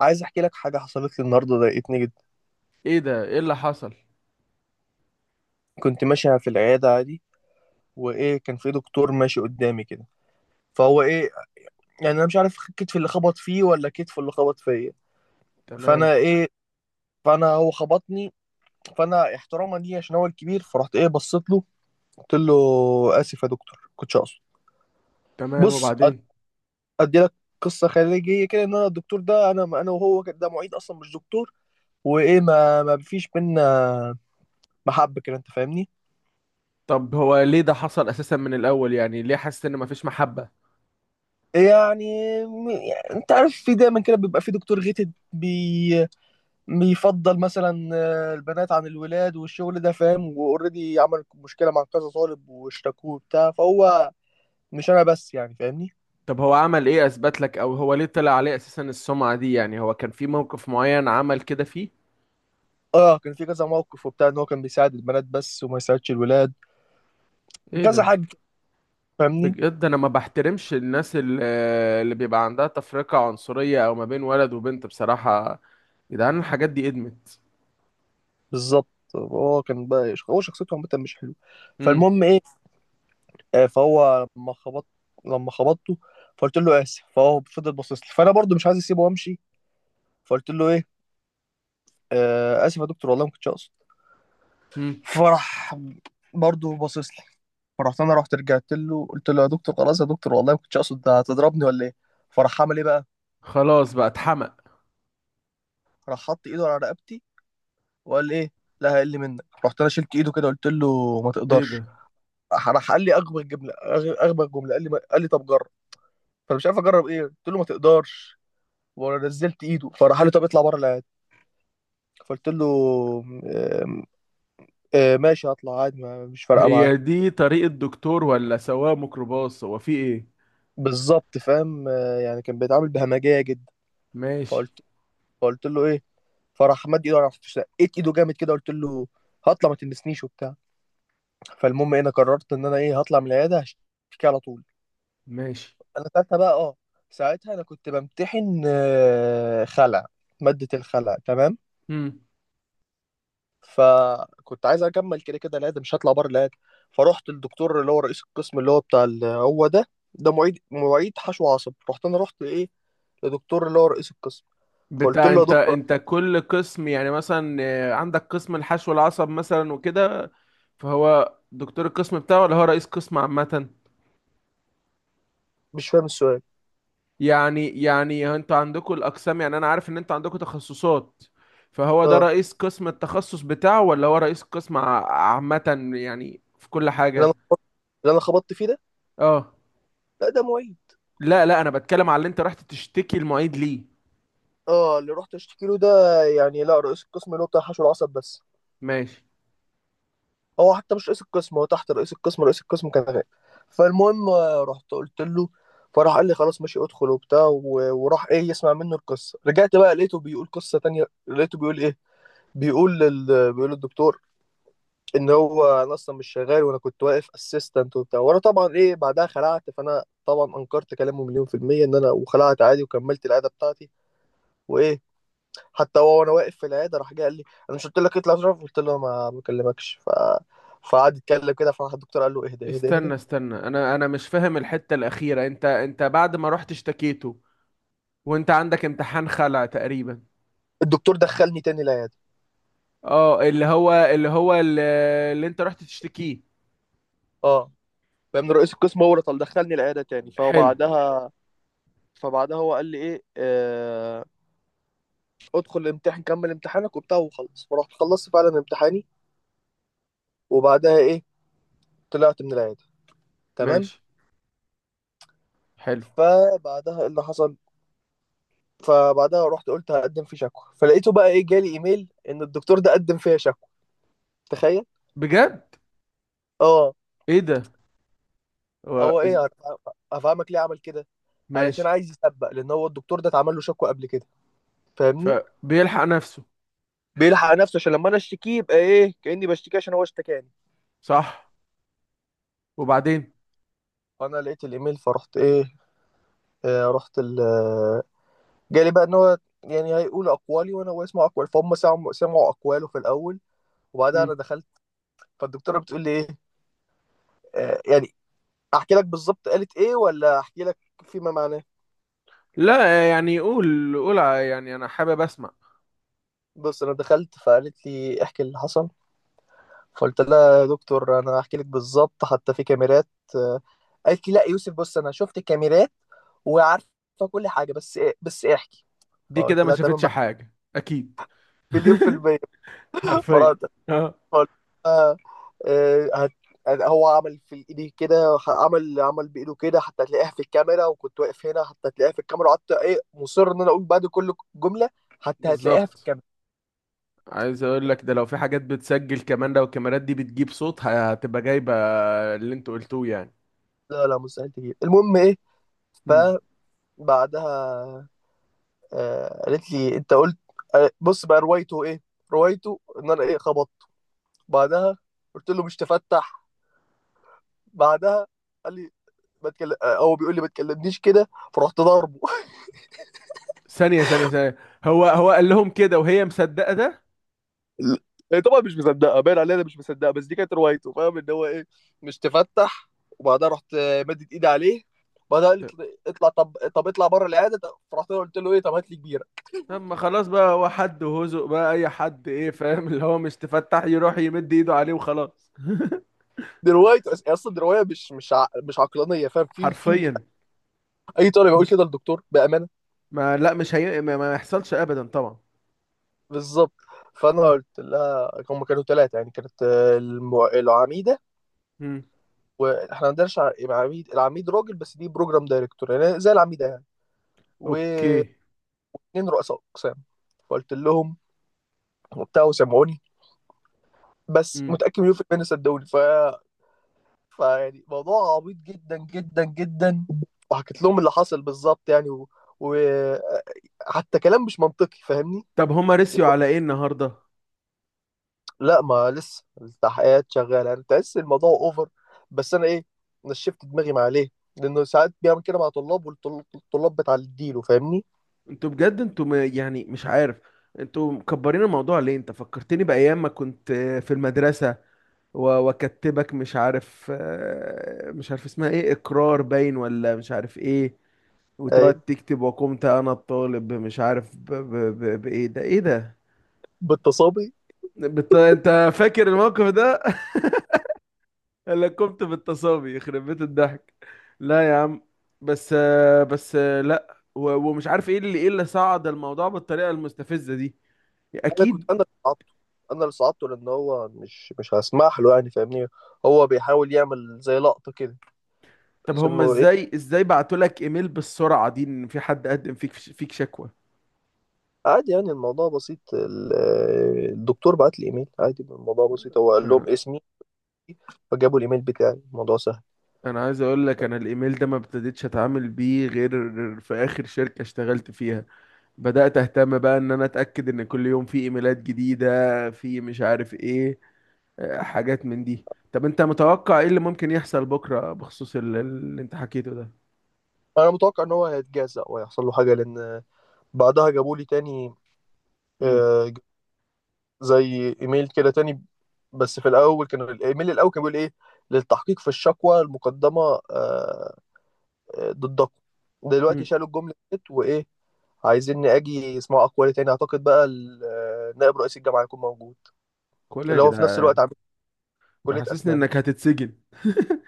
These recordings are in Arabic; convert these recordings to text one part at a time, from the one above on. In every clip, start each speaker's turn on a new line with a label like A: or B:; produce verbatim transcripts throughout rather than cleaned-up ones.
A: عايز احكي لك حاجه حصلت لي النهارده ضايقتني جدا.
B: ايه ده؟ ايه اللي حصل؟
A: كنت ماشي في العياده عادي، وايه كان في دكتور ماشي قدامي كده. فهو ايه، يعني انا مش عارف كتفي اللي خبط فيه ولا كتفه اللي خبط فيا.
B: تمام.
A: فانا ايه، فانا هو خبطني. فانا احتراما ليه عشان هو الكبير، فرحت ايه بصيت له قلت له: اسف يا دكتور، كنتش اقصد.
B: تمام،
A: بص أد-
B: وبعدين؟
A: ادي لك قصه خارجيه كده، ان انا الدكتور ده، انا انا وهو كده، ده معيد اصلا مش دكتور. وايه، ما ما فيش بينا محبه كده، انت فاهمني.
B: طب هو ليه ده حصل اساسا من الاول؟ يعني ليه حاسس ان مفيش محبة؟
A: يعني م- يعني انت عارف، في دايما كده بيبقى في دكتور غيتد بي. بيفضل مثلا آه، البنات عن الولاد والشغل ده، فاهم. واوريدي عمل مشكله مع كذا طالب واشتكوه وبتاع. فهو مش انا بس، يعني فاهمني.
B: طب هو عمل ايه اثبت لك؟ او هو ليه طلع عليه اساسا السمعة دي؟ يعني هو كان في موقف معين عمل كده فيه؟
A: اه، كان في كذا موقف وبتاع، ان هو كان بيساعد البنات بس وما يساعدش الولاد.
B: ايه
A: كذا
B: ده؟
A: حاجه، فاهمني.
B: بجد انا ما بحترمش الناس ال- اللي بيبقى عندها تفرقة عنصرية او ما بين ولد وبنت. بصراحة يا جدعان، الحاجات دي ادمت.
A: بالظبط. هو كان بقى، هو شخصيته عامه مش حلوه.
B: امم.
A: فالمهم ايه، آه، فهو لما خبطت لما خبطته فقلت له اسف. فهو فضل باصص لي، فانا برضو مش عايز اسيبه وامشي. فقلت له ايه: آه، اسف يا دكتور، والله ما كنتش اقصد.
B: امم.
A: فراح برضه باصص لي. فرحت انا، رحت رجعت له قلت له: يا دكتور، خلاص يا دكتور، والله ما كنتش اقصد. ده هتضربني ولا ايه؟ فراح عمل ايه بقى،
B: خلاص بقى، اتحمق؟
A: راح حط ايده على رقبتي وقال ايه: لا هيقل منك. رحت انا شلت ايده كده، قلت له: ما
B: ايه
A: تقدرش.
B: ده؟
A: راح راح قال لي اغبى جمله، أغ- اغبى جمله قال لي ما- قال لي: طب جرب. فانا مش عارف اجرب ايه، قلت له: ما تقدرش. ونزلت ايده. فراح قال لي: طب اطلع بره العيادة. فقلت له: آم، آم، ماشي، هطلع عادي، ما- مش فارقه معايا.
B: هي دي طريقة دكتور ولا سواق ميكروباص؟ هو في ايه؟
A: بالظبط فاهم، آه، يعني كان بيتعامل بهمجيه جدا.
B: ماشي.
A: فقلت فقلت له ايه. فراح مد ايده، راح شقيت ايده جامد كده، قلت له: هطلع، ما تلمسنيش وبتاع. فالمهم إيه، انا قررت ان انا ايه هطلع من العياده، هشتكي على طول.
B: ماشي.
A: انا ساعتها بقى اه، ساعتها انا كنت بمتحن آه، خلع، ماده الخلع، تمام.
B: امم.
A: فكنت عايز اكمل كده كده العياده، مش هطلع بره العياده. فرحت الدكتور اللي هو رئيس القسم، اللي هو بتاع ال- هو ده. ده معيد، معيد حشو عصب. رحت انا، رحت ايه لدكتور اللي هو رئيس القسم. فقلت
B: بتاع،
A: له: يا
B: انت
A: دكتور،
B: انت كل قسم، يعني مثلا آه، عندك قسم الحشو العصب مثلا وكده. فهو دكتور القسم بتاعه، ولا هو رئيس قسم عامة؟
A: مش فاهم السؤال.
B: يعني يعني انتوا عندكم الأقسام، يعني أنا عارف إن انتوا عندكم تخصصات. فهو ده
A: اه
B: رئيس قسم التخصص بتاعه، ولا هو رئيس قسم ع- عامة، يعني في كل
A: اللي
B: حاجة؟
A: انا اللي انا خبطت فيه ده.
B: اه.
A: لا ده معيد.
B: لا لا، أنا بتكلم على اللي انت رحت تشتكي المعيد ليه.
A: اه اللي رحت اشتكي له ده، يعني لا، رئيس القسم اللي هو بتاع حشو العصب بس.
B: ماشي.
A: هو حتى مش رئيس القسم، هو تحت رئيس القسم. رئيس القسم كان غايب. فالمهم آه، رحت قلت له. فراح قال لي: خلاص ماشي ادخل وبتاع. و- وراح ايه يسمع منه القصه. رجعت بقى لقيته بيقول قصه تانية، لقيته بيقول ايه، بيقول لل... بيقول للدكتور ان هو انا اصلا مش شغال، وانا كنت واقف اسيستنت وبتاع. وانا طبعا ايه، بعدها خلعت. فانا طبعا انكرت كلامه مليون في المية ان انا، وخلعت عادي وكملت العياده بتاعتي. وايه، حتى هو، وانا واقف في العياده، راح جه قال لي: انا مش قلت لك اطلع؟ اشرف قلت له: ما بكلمكش. ف فقعد يتكلم كده. فراح الدكتور قال له: اهدى اهدى اهدى.
B: استنى استنى، أنا أنا مش فاهم الحتة الأخيرة. انت انت بعد ما رحت اشتكيته، وانت عندك امتحان خلع تقريبا؟
A: الدكتور دخلني تاني العياده،
B: اه، اللي هو اللي هو اللي, اللي انت رحت تشتكيه.
A: اه، فاهم، رئيس القسم هو اللي طل دخلني العياده تاني.
B: حلو.
A: فبعدها فبعدها هو قال لي ايه: آه... ادخل الامتحان كمل امتحانك وبتاع وخلص. فرحت خلصت فعلا امتحاني، وبعدها ايه طلعت من العياده. تمام.
B: ماشي. حلو.
A: فبعدها ايه اللي حصل، فبعدها رحت قلت: هقدم في شكوى. فلقيته بقى ايه جالي ايميل، ان الدكتور ده قدم فيها شكوى. تخيل.
B: بجد؟
A: اه،
B: ايه ده؟ هو
A: هو
B: إز-
A: ايه، هف- هفهمك ليه عمل كده. علشان
B: ماشي.
A: عايز يسبق، لان هو الدكتور ده اتعمل له شكوى قبل كده، فاهمني.
B: فبيلحق نفسه.
A: بيلحق نفسه عشان لما انا اشتكيه يبقى ايه، كاني بشتكيه عشان هو اشتكاني.
B: صح. وبعدين؟
A: فانا لقيت الايميل، فرحت ايه. آه رحت ال آه، جالي بقى ان هو يعني هيقول اقوالي، وانا هو يسمع اقوال. فهم سمعوا، سمعوا اقواله في الاول، وبعدها
B: مم.
A: انا دخلت. فالدكتوره بتقول لي ايه: آه، يعني احكي لك بالظبط قالت ايه، ولا احكي لك فيما معناه.
B: لا، يعني قول قول، ع- يعني انا حابب اسمع.
A: بص انا دخلت، فقالت لي: احكي اللي حصل. فقلت لها: يا دكتور انا هحكي لك بالظبط، حتى في كاميرات. آه، قالت لي: لا يوسف، بص انا شفت الكاميرات وعارفه كل حاجه، بس إيه بس إيه، احكي.
B: دي كده
A: فقلت
B: ما
A: لها: تمام،
B: شافتش حاجة. اكيد.
A: مليون في المية
B: حرفيا.
A: فرحت
B: اه.
A: فقلت لها، آه، هت... يعني هو عمل في ايدي كده، عمل عمل بايده كده، حتى تلاقيها في الكاميرا، وكنت واقف هنا حتى تلاقيها في الكاميرا. وقعدت ايه مصر ان انا اقول بعد كل جمله: حتى هتلاقيها في
B: بالظبط.
A: الكاميرا.
B: عايز اقول لك ده، لو في حاجات بتسجل كمان، لو الكاميرات دي بتجيب صوت هتبقى جايبة اللي انت قلتوه يعني.
A: لا لا مستحيل تجيب. المهم ايه،
B: مم.
A: فبعدها آه قالت لي: انت قلت. آه بص بقى روايته ايه، روايته ان انا ايه خبطت. بعدها قلت له: مش تفتح. بعدها قال لي: ما تكلم آه، هو بيقول لي ما تكلمنيش كده. فرحت ضاربه.
B: ثانية ثانية ثانية، هو هو قال لهم كده وهي مصدقة ده؟
A: هي طبعا مش مصدقه، باين عليها إنها مش مصدقه، بس دي كانت روايته، فاهم، ان هو ايه: مش تفتح. وبعدها رحت آه، مدت ايدي عليه. بعدها قالت لي: اطلع، طب طب اطلع بره العياده. طب- فرحت له قلت له ايه: طب هات لي كبيره.
B: طب ما خلاص بقى، هو حد وهزق بقى اي حد، ايه فاهم؟ اللي هو مش تفتح يروح يمد ايده عليه وخلاص.
A: دي روايه أص- اصلا، دي روايه مش مش ع... مش عقلانيه، فاهم. في في
B: حرفيا.
A: اي طالب يقول كده للدكتور بامانه.
B: ما لا، مش هي، ما ما يحصلش ابدا طبعا.
A: بالظبط. فانا قلت لها: هم كانوا ثلاثه، يعني كانت آه، المع... العميده،
B: مم.
A: واحنا ما عندناش ع- عميد، العميد راجل، بس دي بروجرام دايركتور يعني زي العميده يعني، واثنين
B: اوكي.
A: رؤساء اقسام. فقلت لهم وبتاع، وسمعوني. بس
B: مم.
A: متأكد مليون في المية إن صدقوني. ف فيعني موضوع عبيط جدا جدا جدا. وحكيت لهم اللي حصل بالظبط يعني، و... و... حتى كلام مش منطقي فاهمني.
B: طب هما رسيوا على ايه النهارده؟
A: لا ما لسه التحقيقات شغاله. انا تحس الموضوع اوفر، بس انا ايه نشفت دماغي مع ليه لانه ساعات بيعمل كده مع طلاب والطلاب بتعديله، فاهمني.
B: انتوا بجد، انتوا ما- يعني مش عارف، انتوا مكبرين الموضوع ليه؟ انت فكرتني بايام ما كنت في المدرسه، و- واكتبك مش عارف، آه، مش عارف اسمها ايه، اقرار باين ولا مش عارف ايه،
A: اي
B: وتقعد تكتب. وقمت انا الطالب مش عارف ب... ب... ب... بايه ده، ايه ده،
A: بالتصابي.
B: بت... انت فاكر الموقف ده؟ انا قمت بالتصابي، يخرب بيت الضحك. لا يا عم. بس. بس. لا، و... ومش عارف ايه اللي، ايه اللي صعد الموضوع بالطريقه المستفزه دي.
A: انا كنت،
B: اكيد.
A: انا اللي صعدته، انا اللي صعدته لان هو مش مش هسمح له يعني فاهمني. هو بيحاول يعمل زي لقطه كده،
B: طب
A: بحيث
B: هما
A: انه ايه.
B: ازاي، ازاي بعتوا لك ايميل بالسرعه دي ان في حد قدم فيك فيك شكوى؟
A: عادي يعني الموضوع بسيط. ال- الدكتور بعت لي ايميل، عادي الموضوع بسيط، هو قال لهم
B: آه،
A: اسمي، فجابوا الايميل بتاعي، الموضوع سهل.
B: انا عايز اقول لك، انا الايميل ده ما ابتديتش اتعامل بيه غير في اخر شركة اشتغلت فيها. بدأت أهتم بقى إن أنا أتأكد إن كل يوم في إيميلات جديدة، في مش عارف إيه، آه، حاجات من دي. طب أنت متوقع إيه اللي ممكن يحصل بكرة بخصوص ال- اللي أنت حكيته ده؟
A: انا متوقع ان هو هيتجزأ وهيحصل له حاجه، لان بعدها جابوا لي تاني
B: امم.
A: آه، زي ايميل كده تاني. بس في الاول كان الايميل الاول كان بيقول ايه: للتحقيق في الشكوى المقدمه آه، آه، ضدكم. دلوقتي
B: امم.
A: شالوا الجمله ديت، وايه عايزين اجي اسمعوا اقوالي تاني. اعتقد بقى ال- آه، نائب رئيس الجامعه هيكون موجود،
B: كل يا
A: اللي هو في نفس الوقت
B: جدعان.
A: كلية
B: حاسسني
A: أسنان.
B: إنك هتتسجن.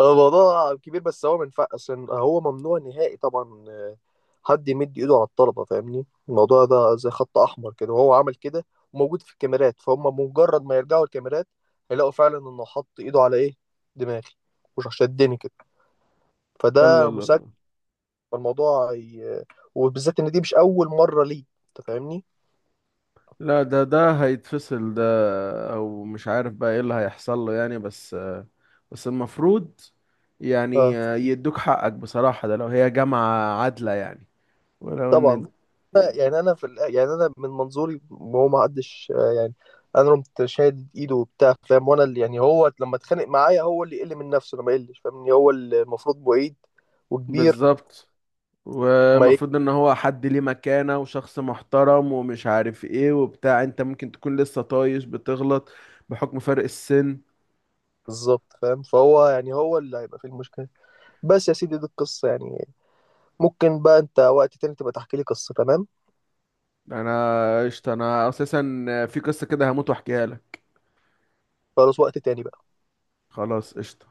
A: الموضوع كبير بس هو منفع، عشان هو ممنوع نهائي طبعا آه، حد يمد إيده على الطلبة، فاهمني. الموضوع ده زي خط أحمر كده، وهو عمل كده، وموجود في الكاميرات. فهم مجرد ما يرجعوا الكاميرات هيلاقوا فعلا إنه حط إيده على إيه، دماغي، مش شدني كده،
B: الله
A: فده
B: الله
A: مسك.
B: الله.
A: فالموضوع ي... وبالذات إن دي مش أول مرة ليه، أنت فاهمني؟
B: لا، ده ده هيتفصل ده. أو مش عارف بقى إيه اللي هيحصل له يعني. بس، بس المفروض يعني
A: آه.
B: آه، يدوك حقك بصراحة. ده لو هي جامعة عادلة يعني. ولو
A: طبعا.
B: إن.
A: يعني انا في ال- يعني انا من منظوري هو ما حدش آه، يعني انا قمت شادد ايده وبتاع، فاهم، وانا اللي يعني هو لما اتخانق معايا هو اللي يقل من نفسه، انا ما يقلش، فاهمني. هو اللي المفروض بعيد وكبير
B: بالظبط.
A: وما يقل.
B: ومفروض ان هو حد ليه مكانة وشخص محترم، ومش عارف ايه وبتاع. انت ممكن تكون لسه طايش بتغلط، بحكم فرق السن.
A: بالظبط فاهم. فهو يعني هو اللي هيبقى في المشكله. بس يا سيدي دي القصه يعني. ممكن بقى انت وقت تاني تبقى تحكي لي قصه. تمام.
B: انا قشطة. انا اساسا في قصة كده هموت واحكيها لك.
A: خلاص، وقت تاني بقى.
B: خلاص، قشطة.